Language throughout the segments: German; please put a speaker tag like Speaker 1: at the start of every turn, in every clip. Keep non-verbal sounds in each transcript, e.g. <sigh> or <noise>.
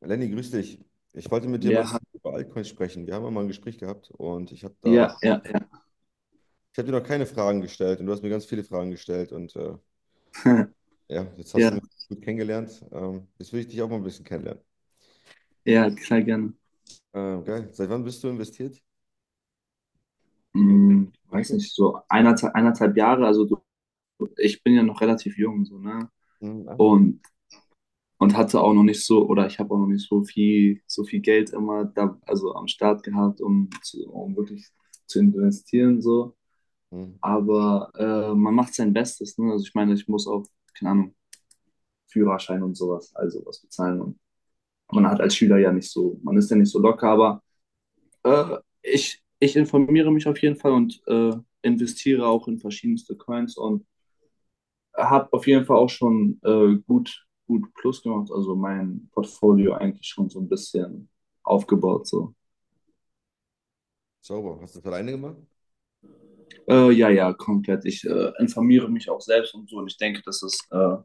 Speaker 1: Lenny, grüß dich. Ich wollte mit dir
Speaker 2: Ja,
Speaker 1: mal
Speaker 2: ha-
Speaker 1: über Altcoins sprechen. Wir haben ja mal ein Gespräch gehabt und
Speaker 2: ja.
Speaker 1: ich habe dir noch keine Fragen gestellt und du hast mir ganz viele Fragen gestellt und
Speaker 2: <laughs>
Speaker 1: ja, jetzt hast du mich
Speaker 2: Ja,
Speaker 1: gut kennengelernt. Jetzt will ich dich auch mal ein bisschen kennenlernen.
Speaker 2: ja, klar, gerne.
Speaker 1: Geil. Seit wann bist du investiert in
Speaker 2: Weiß
Speaker 1: Krypto?
Speaker 2: nicht, so eineinhalb Jahre, also so, ich bin ja noch relativ jung, so, ne?
Speaker 1: Hm, ah, nee.
Speaker 2: Und, und hatte auch noch nicht so, oder ich habe auch noch nicht so viel, so viel Geld immer da, also am Start gehabt, um wirklich zu investieren, so.
Speaker 1: Hm,
Speaker 2: Aber man macht sein Bestes, ne? Also ich meine, ich muss auch, keine Ahnung, Führerschein und sowas, also was bezahlen. Und man hat als Schüler ja nicht so, man ist ja nicht so locker, aber. Ich informiere mich auf jeden Fall und investiere auch in verschiedenste Coins und habe auf jeden Fall auch schon gut Plus gemacht, also mein Portfolio eigentlich schon so ein bisschen aufgebaut. So.
Speaker 1: sauber. Hast du das alleine gemacht?
Speaker 2: Ja, komplett. Ich informiere mich auch selbst und so und ich denke,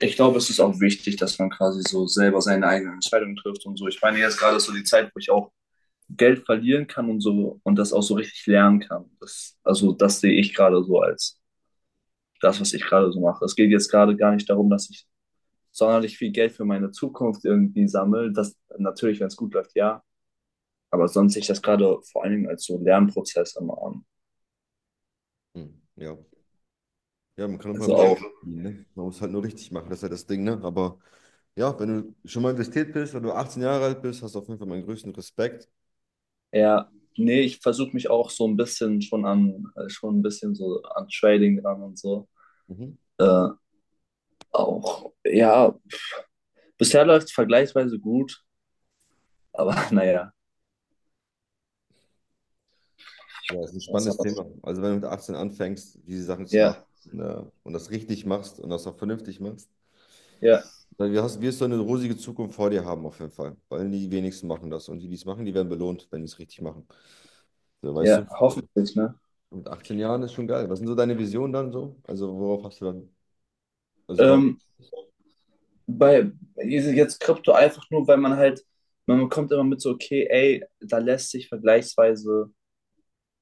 Speaker 2: ich glaube, es ist auch wichtig, dass man quasi so selber seine eigenen Entscheidungen trifft und so. Ich meine, jetzt gerade ist so die Zeit, wo ich auch Geld verlieren kann und so und das auch so richtig lernen kann. Das, also das sehe ich gerade so als das, was ich gerade so mache. Es geht jetzt gerade gar nicht darum, dass ich sonderlich viel Geld für meine Zukunft irgendwie sammle. Das natürlich, wenn es gut läuft, ja. Aber sonst sehe ich das gerade vor allen Dingen als so Lernprozess immer an.
Speaker 1: Hm, ja. Ja, man kann auch beim
Speaker 2: Also auch
Speaker 1: Lernen verdienen, ne? Man muss halt nur richtig machen, das ist ja das Ding, ne? Aber ja, wenn du schon mal investiert bist, wenn du 18 Jahre alt bist, hast du auf jeden Fall meinen größten Respekt.
Speaker 2: eher, nee, ich versuche mich auch so ein bisschen schon an, schon ein bisschen so an Trading dran und so.
Speaker 1: Mhm.
Speaker 2: Äh, ja, bisher läuft es vergleichsweise gut, aber <laughs> naja.
Speaker 1: Ja, das ist ein spannendes Thema. Also wenn du mit 18 anfängst, diese Sachen zu machen,
Speaker 2: Ja,
Speaker 1: ne, und das richtig machst und das auch vernünftig machst,
Speaker 2: ja,
Speaker 1: dann wirst du eine rosige Zukunft vor dir haben auf jeden Fall. Weil die wenigsten machen das. Und die, die es machen, die werden belohnt, wenn die es richtig machen. So, weißt
Speaker 2: ja,
Speaker 1: du,
Speaker 2: hoffentlich, ne?
Speaker 1: mit 18 Jahren ist schon geil. Was sind so deine Visionen dann so? Also worauf hast du dann, Also warum?
Speaker 2: Ähm, bei jetzt Krypto einfach nur, weil man halt, man kommt immer mit so, okay, ey, da lässt sich vergleichsweise,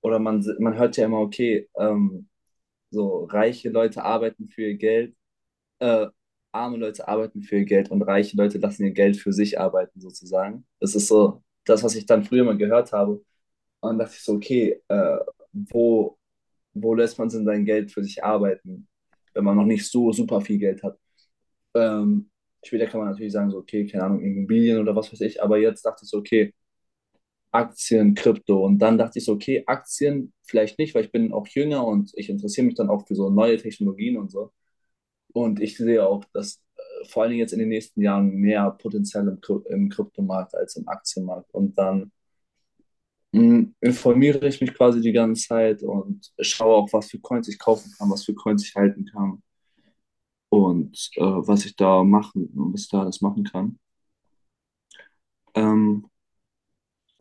Speaker 2: man hört ja immer, okay, so reiche Leute arbeiten für ihr Geld, äh, arme Leute arbeiten für ihr Geld und reiche Leute lassen ihr Geld für sich arbeiten, sozusagen. Das ist so das, was ich dann früher mal gehört habe. Und dann dachte ich so, okay, wo, wo lässt man denn sein Geld für sich arbeiten, wenn man noch nicht so super viel Geld hat? Ähm, später kann man natürlich sagen, so, okay, keine Ahnung, Immobilien oder was weiß ich, aber jetzt dachte ich so, okay, Aktien, Krypto. Und dann dachte ich so, okay, Aktien vielleicht nicht, weil ich bin auch jünger und ich interessiere mich dann auch für so neue Technologien und so. Und ich sehe auch, dass vor allen Dingen jetzt in den nächsten Jahren mehr Potenzial im Kryptomarkt als im Aktienmarkt. Dann informiere ich mich quasi die ganze Zeit und schaue auch, was für Coins ich kaufen kann, was für Coins ich halten kann und was ich da alles machen kann. Ähm,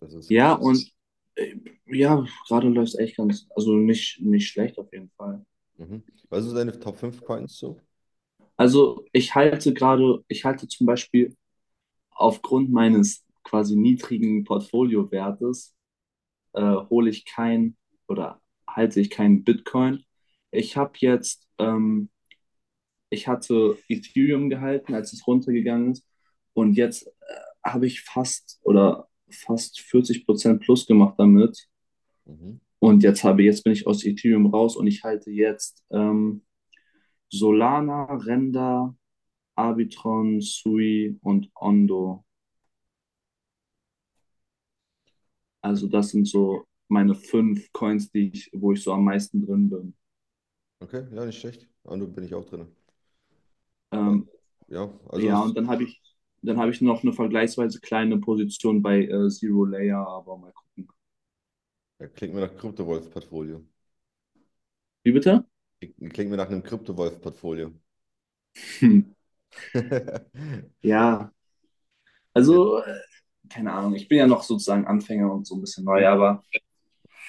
Speaker 1: Das ist,
Speaker 2: Ja, und äh, ja, gerade läuft es echt ganz, also nicht, nicht schlecht auf jeden Fall.
Speaker 1: mhm. Was sind so deine Top fünf Coins so?
Speaker 2: Also ich halte gerade, ich halte zum Beispiel aufgrund meines quasi niedrigen Portfoliowertes, hole ich kein oder halte ich keinen Bitcoin. Ich habe jetzt, ähm, ich hatte Ethereum gehalten, als es runtergegangen ist. Und jetzt habe ich fast 40% plus gemacht damit.
Speaker 1: Mhm.
Speaker 2: Jetzt bin ich aus Ethereum raus und ich halte jetzt Solana, Render, Arbitron, Sui und Ondo. Also
Speaker 1: Okay,
Speaker 2: das sind so meine fünf Coins, wo ich so am meisten drin bin.
Speaker 1: Okay, ja, nicht schlecht. Ja, und bin ich auch drin. Aus-
Speaker 2: Ähm,
Speaker 1: Ja, also
Speaker 2: ja, und dann habe ich, dann
Speaker 1: klingt,
Speaker 2: habe ich noch eine vergleichsweise kleine Position bei Zero Layer, aber mal gucken.
Speaker 1: ja, klingt mir nach Kryptowolf-Portfolio.
Speaker 2: Wie bitte?
Speaker 1: Klingt mir nach einem Kryptowolf-Portfolio.
Speaker 2: Hm.
Speaker 1: <laughs>
Speaker 2: Ja,
Speaker 1: Ja,
Speaker 2: also keine Ahnung, ich bin ja noch sozusagen Anfänger und so ein bisschen neu,
Speaker 1: nicht.
Speaker 2: aber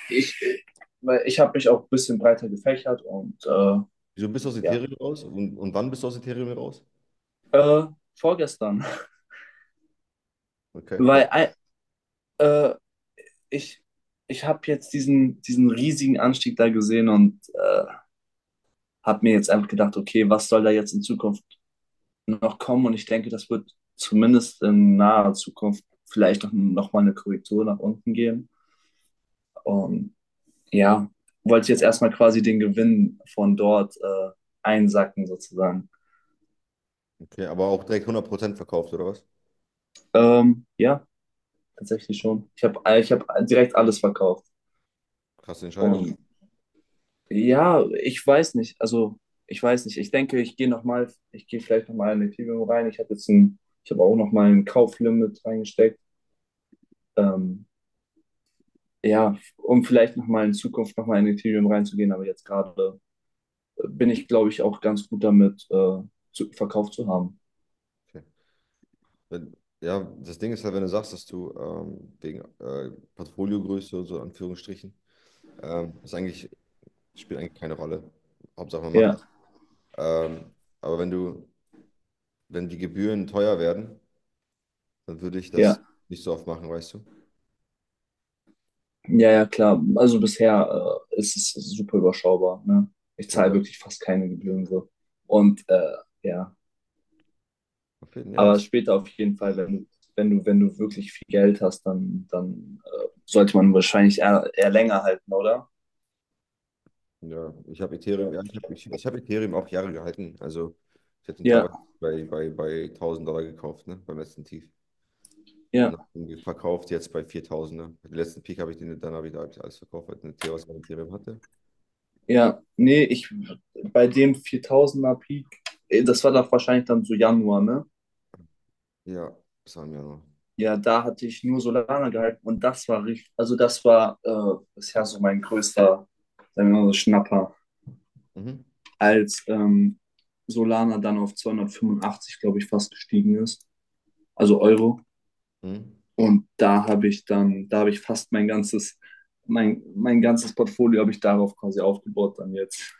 Speaker 2: ich, äh, weil ich habe mich auch ein bisschen breiter gefächert und
Speaker 1: Wieso bist du aus
Speaker 2: ja.
Speaker 1: Ethereum raus? Und wann bist du aus Ethereum raus?
Speaker 2: Äh, vorgestern. <laughs>
Speaker 1: Okay, warum?
Speaker 2: Weil äh, äh, ich, ich habe jetzt diesen riesigen Anstieg da gesehen und habe mir jetzt einfach gedacht, okay, was soll da jetzt in Zukunft noch kommen? Und ich denke, das wird zumindest in naher Zukunft vielleicht noch mal eine Korrektur nach unten geben. Und ja, wollte jetzt erstmal quasi den Gewinn von dort einsacken sozusagen.
Speaker 1: Okay, aber auch direkt 100% verkauft, oder was?
Speaker 2: Ja, tatsächlich schon. Ich hab direkt alles verkauft.
Speaker 1: Krasse Entscheidung.
Speaker 2: Und ja, ich weiß nicht. Also, ich weiß nicht. Ich denke, ich gehe vielleicht noch mal in Ethereum rein. Ich habe auch noch mal ein Kauflimit reingesteckt. Ähm, ja, um vielleicht noch mal in Zukunft noch mal in Ethereum reinzugehen. Aber jetzt gerade bin ich, glaube ich, auch ganz gut damit, verkauft zu haben.
Speaker 1: Okay. Wenn, ja, das Ding ist halt, wenn du sagst, dass du wegen Portfoliogröße und so, in Anführungsstrichen, ähm, ist eigentlich, spielt eigentlich keine Rolle. Hauptsache, man macht
Speaker 2: Ja,
Speaker 1: das. Ähm, aber wenn die Gebühren teuer werden, dann würde ich das
Speaker 2: ja,
Speaker 1: nicht so oft machen, weißt du?
Speaker 2: ja, klar. Also bisher, ist es super überschaubar, ne? Ich
Speaker 1: Okay,
Speaker 2: zahle
Speaker 1: ja,
Speaker 2: wirklich fast keine Gebühren so. Und ja.
Speaker 1: auf jeden Fall, ja.
Speaker 2: Aber später auf jeden Fall, wenn du wirklich viel Geld hast, dann sollte man wahrscheinlich eher länger halten, oder?
Speaker 1: Ja, ich hab Ethereum auch Jahre gehalten. Also ich hatte ihn
Speaker 2: Ja,
Speaker 1: teilweise bei 1.000 Dollar gekauft, ne, beim letzten Tief. Und
Speaker 2: ja,
Speaker 1: habe ihn verkauft jetzt bei 4.000, ne. Den letzten Peak habe ich den, dann hab ich alles verkauft, weil ich eine Theos an Ethereum hatte.
Speaker 2: ja. Nee, ich bei dem 4000er Peak, das war doch wahrscheinlich dann so Januar, ne?
Speaker 1: Ja, das war im Januar.
Speaker 2: Ja, da hatte ich nur Solana gehalten und das war richtig, also das war bisher so mein größter, sagen wir mal so Schnapper,
Speaker 1: Mhm.
Speaker 2: als Solana dann auf 285, glaube ich, fast gestiegen ist, also Euro.
Speaker 1: Mhm.
Speaker 2: Und da habe ich dann, da habe ich fast mein ganzes, mein ganzes Portfolio habe ich darauf quasi aufgebaut dann jetzt.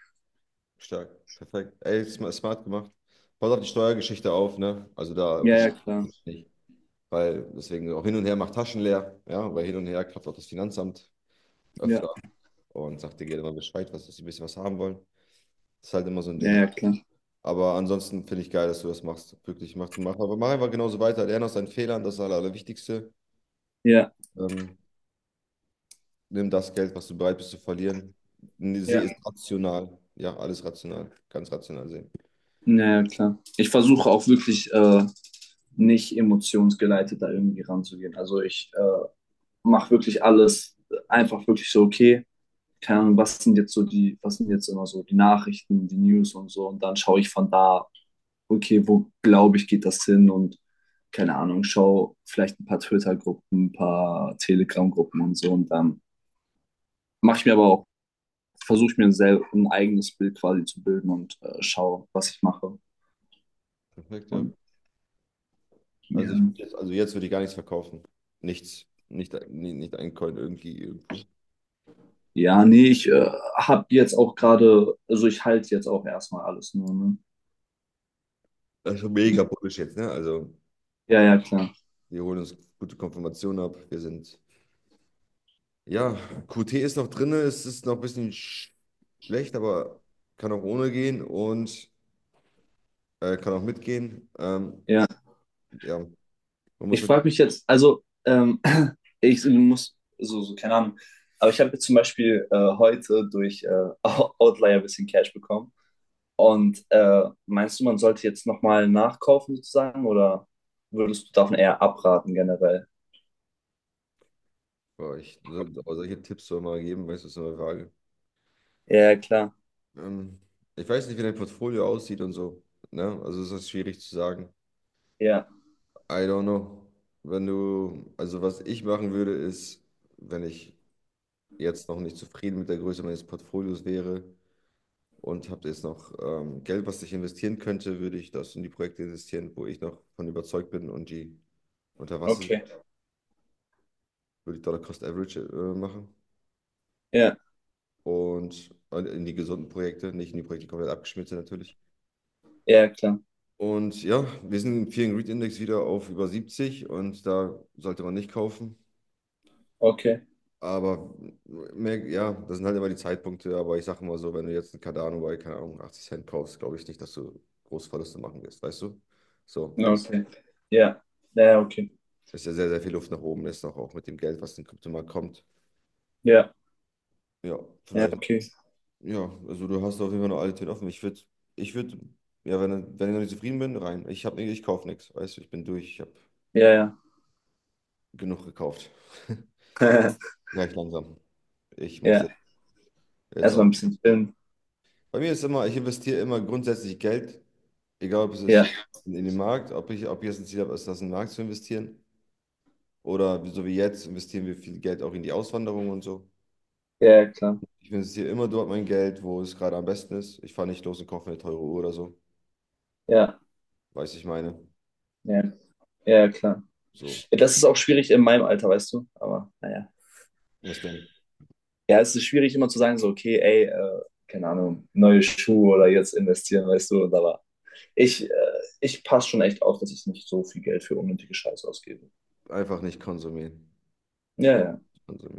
Speaker 1: Stark, perfekt. Ey, smart gemacht. Pass auf die Steuergeschichte auf, ne? Also da
Speaker 2: Ja,
Speaker 1: unterscheidet
Speaker 2: klar.
Speaker 1: es nicht. Weil deswegen auch hin und her macht Taschen leer, ja, weil hin und her klappt auch das Finanzamt öfter
Speaker 2: Ja,
Speaker 1: und sagt dir gerne mal Bescheid, was, dass sie ein bisschen was haben wollen. Das ist halt immer so ein Ding.
Speaker 2: ja, klar.
Speaker 1: Aber ansonsten finde ich geil, dass du das machst. Wirklich, aber mach einfach genauso weiter. Lerne aus deinen Fehlern, das ist das Allerwichtigste.
Speaker 2: Ja,
Speaker 1: Ähm, Nimm das Geld, was du bereit bist zu verlieren. Sehe
Speaker 2: ja.
Speaker 1: es rational. Ja, alles rational. Ganz rational sehen.
Speaker 2: Ja, klar. Ich versuche auch wirklich nicht emotionsgeleitet da irgendwie ranzugehen. Also ich mache wirklich alles einfach wirklich so, okay, keine Ahnung, was sind jetzt immer so die Nachrichten, die News und so. Und dann schaue ich von da okay, wo glaube ich, geht das hin? Und keine Ahnung, schau vielleicht ein paar Twitter-Gruppen, ein paar Telegram-Gruppen und so. Und dann mache ich mir aber auch, versuche ich mir ein eigenes Bild quasi zu bilden und schaue, was ich mache.
Speaker 1: Perfekt, ja.
Speaker 2: Und ja.
Speaker 1: Also jetzt würde ich gar nichts verkaufen. Nichts. Nicht ein Coin irgendwie irgendwo.
Speaker 2: Ja, nee, ich habe jetzt auch gerade, also ich halte jetzt auch erstmal alles nur, ne?
Speaker 1: Das ist schon mega bullish jetzt, ne? Also,
Speaker 2: Ja, klar.
Speaker 1: wir holen uns gute Konfirmation ab. Wir sind. Ja, QT ist noch drin, es ist noch ein bisschen schlecht, aber kann auch ohne gehen und kann auch mitgehen.
Speaker 2: Ja.
Speaker 1: Ja, man muss
Speaker 2: Ich
Speaker 1: ja,
Speaker 2: frage mich jetzt, also, <clears throat> ich muss, so, so, keine Ahnung, aber ich habe jetzt zum Beispiel heute durch <laughs> Outlier ein bisschen Cash bekommen. Und meinst du, man sollte jetzt nochmal nachkaufen sozusagen oder würdest du davon eher abraten generell?
Speaker 1: boah, ich, so- aber solche Tipps soll man geben, weißt du, ist so eine Frage.
Speaker 2: Ja, klar.
Speaker 1: Ähm, Ich weiß nicht, wie dein Portfolio aussieht und so, ne? Also ist das schwierig zu sagen.
Speaker 2: Ja,
Speaker 1: I don't know. Wenn du, also was ich machen würde, ist, wenn ich jetzt noch nicht zufrieden mit der Größe meines Portfolios wäre, und habe jetzt noch Geld, was ich investieren könnte, würde ich das in die Projekte investieren, wo ich noch von überzeugt bin und die unter Wasser
Speaker 2: okay.
Speaker 1: würde ich Dollar Cost Average machen
Speaker 2: Ja,
Speaker 1: und in die gesunden Projekte, nicht in die Projekte, die komplett abgeschmiert sind natürlich.
Speaker 2: ja, klar.
Speaker 1: Und ja, wir sind im Fear and Greed Index wieder auf über 70 und da sollte man nicht kaufen.
Speaker 2: Okay.
Speaker 1: Aber mehr, ja, das sind halt immer die Zeitpunkte. Aber ich sage mal so, wenn du jetzt einen Cardano bei, keine Ahnung, 80 Cent kaufst, glaube ich nicht, dass du große Verluste machen wirst, weißt du? So,
Speaker 2: Ja,
Speaker 1: denke ich.
Speaker 2: okay. Ja, ja, okay.
Speaker 1: Ist ja sehr, sehr viel Luft nach oben ist, noch auch mit dem Geld, was in den Kryptomarkt kommt.
Speaker 2: Ja,
Speaker 1: Ja,
Speaker 2: ja,
Speaker 1: vielleicht.
Speaker 2: okay.
Speaker 1: Ja, also du hast auf jeden Fall noch alle Türen offen. Ich würde, ja, wenn ich noch nicht zufrieden bin, rein. Ich kaufe nichts. Weißt du, ich bin durch. Ich habe
Speaker 2: Ja, ja.
Speaker 1: genug gekauft. <laughs>
Speaker 2: <laughs>
Speaker 1: Gleich langsam. Ich muss jetzt,
Speaker 2: Ja,
Speaker 1: jetzt auch
Speaker 2: erstmal ein
Speaker 1: noch.
Speaker 2: bisschen chillen.
Speaker 1: Bei mir ist immer, ich investiere immer grundsätzlich Geld, egal ob es
Speaker 2: Ja,
Speaker 1: ist in, in den Markt, ob ich jetzt ein Ziel habe, ist das in den Markt zu investieren. Oder so wie jetzt investieren wir viel Geld auch in die Auswanderung und so.
Speaker 2: ja, klar.
Speaker 1: Ich investiere immer dort mein Geld, wo es gerade am besten ist. Ich fahre nicht los und kaufe mir eine teure Uhr oder so.
Speaker 2: Ja,
Speaker 1: Weiß ich meine.
Speaker 2: ja, ja, klar.
Speaker 1: So.
Speaker 2: Ja, das ist auch schwierig in meinem Alter, weißt du? Aber naja.
Speaker 1: Was denn?
Speaker 2: Ja, es ist schwierig immer zu sagen, so, okay, ey, keine Ahnung, neue Schuhe oder jetzt investieren, weißt du? Und da ich, äh, ich passe schon echt auf, dass ich nicht so viel Geld für unnötige Scheiße ausgebe.
Speaker 1: Einfach nicht konsumieren.
Speaker 2: Ja,
Speaker 1: Ja,
Speaker 2: ja.
Speaker 1: konsumieren.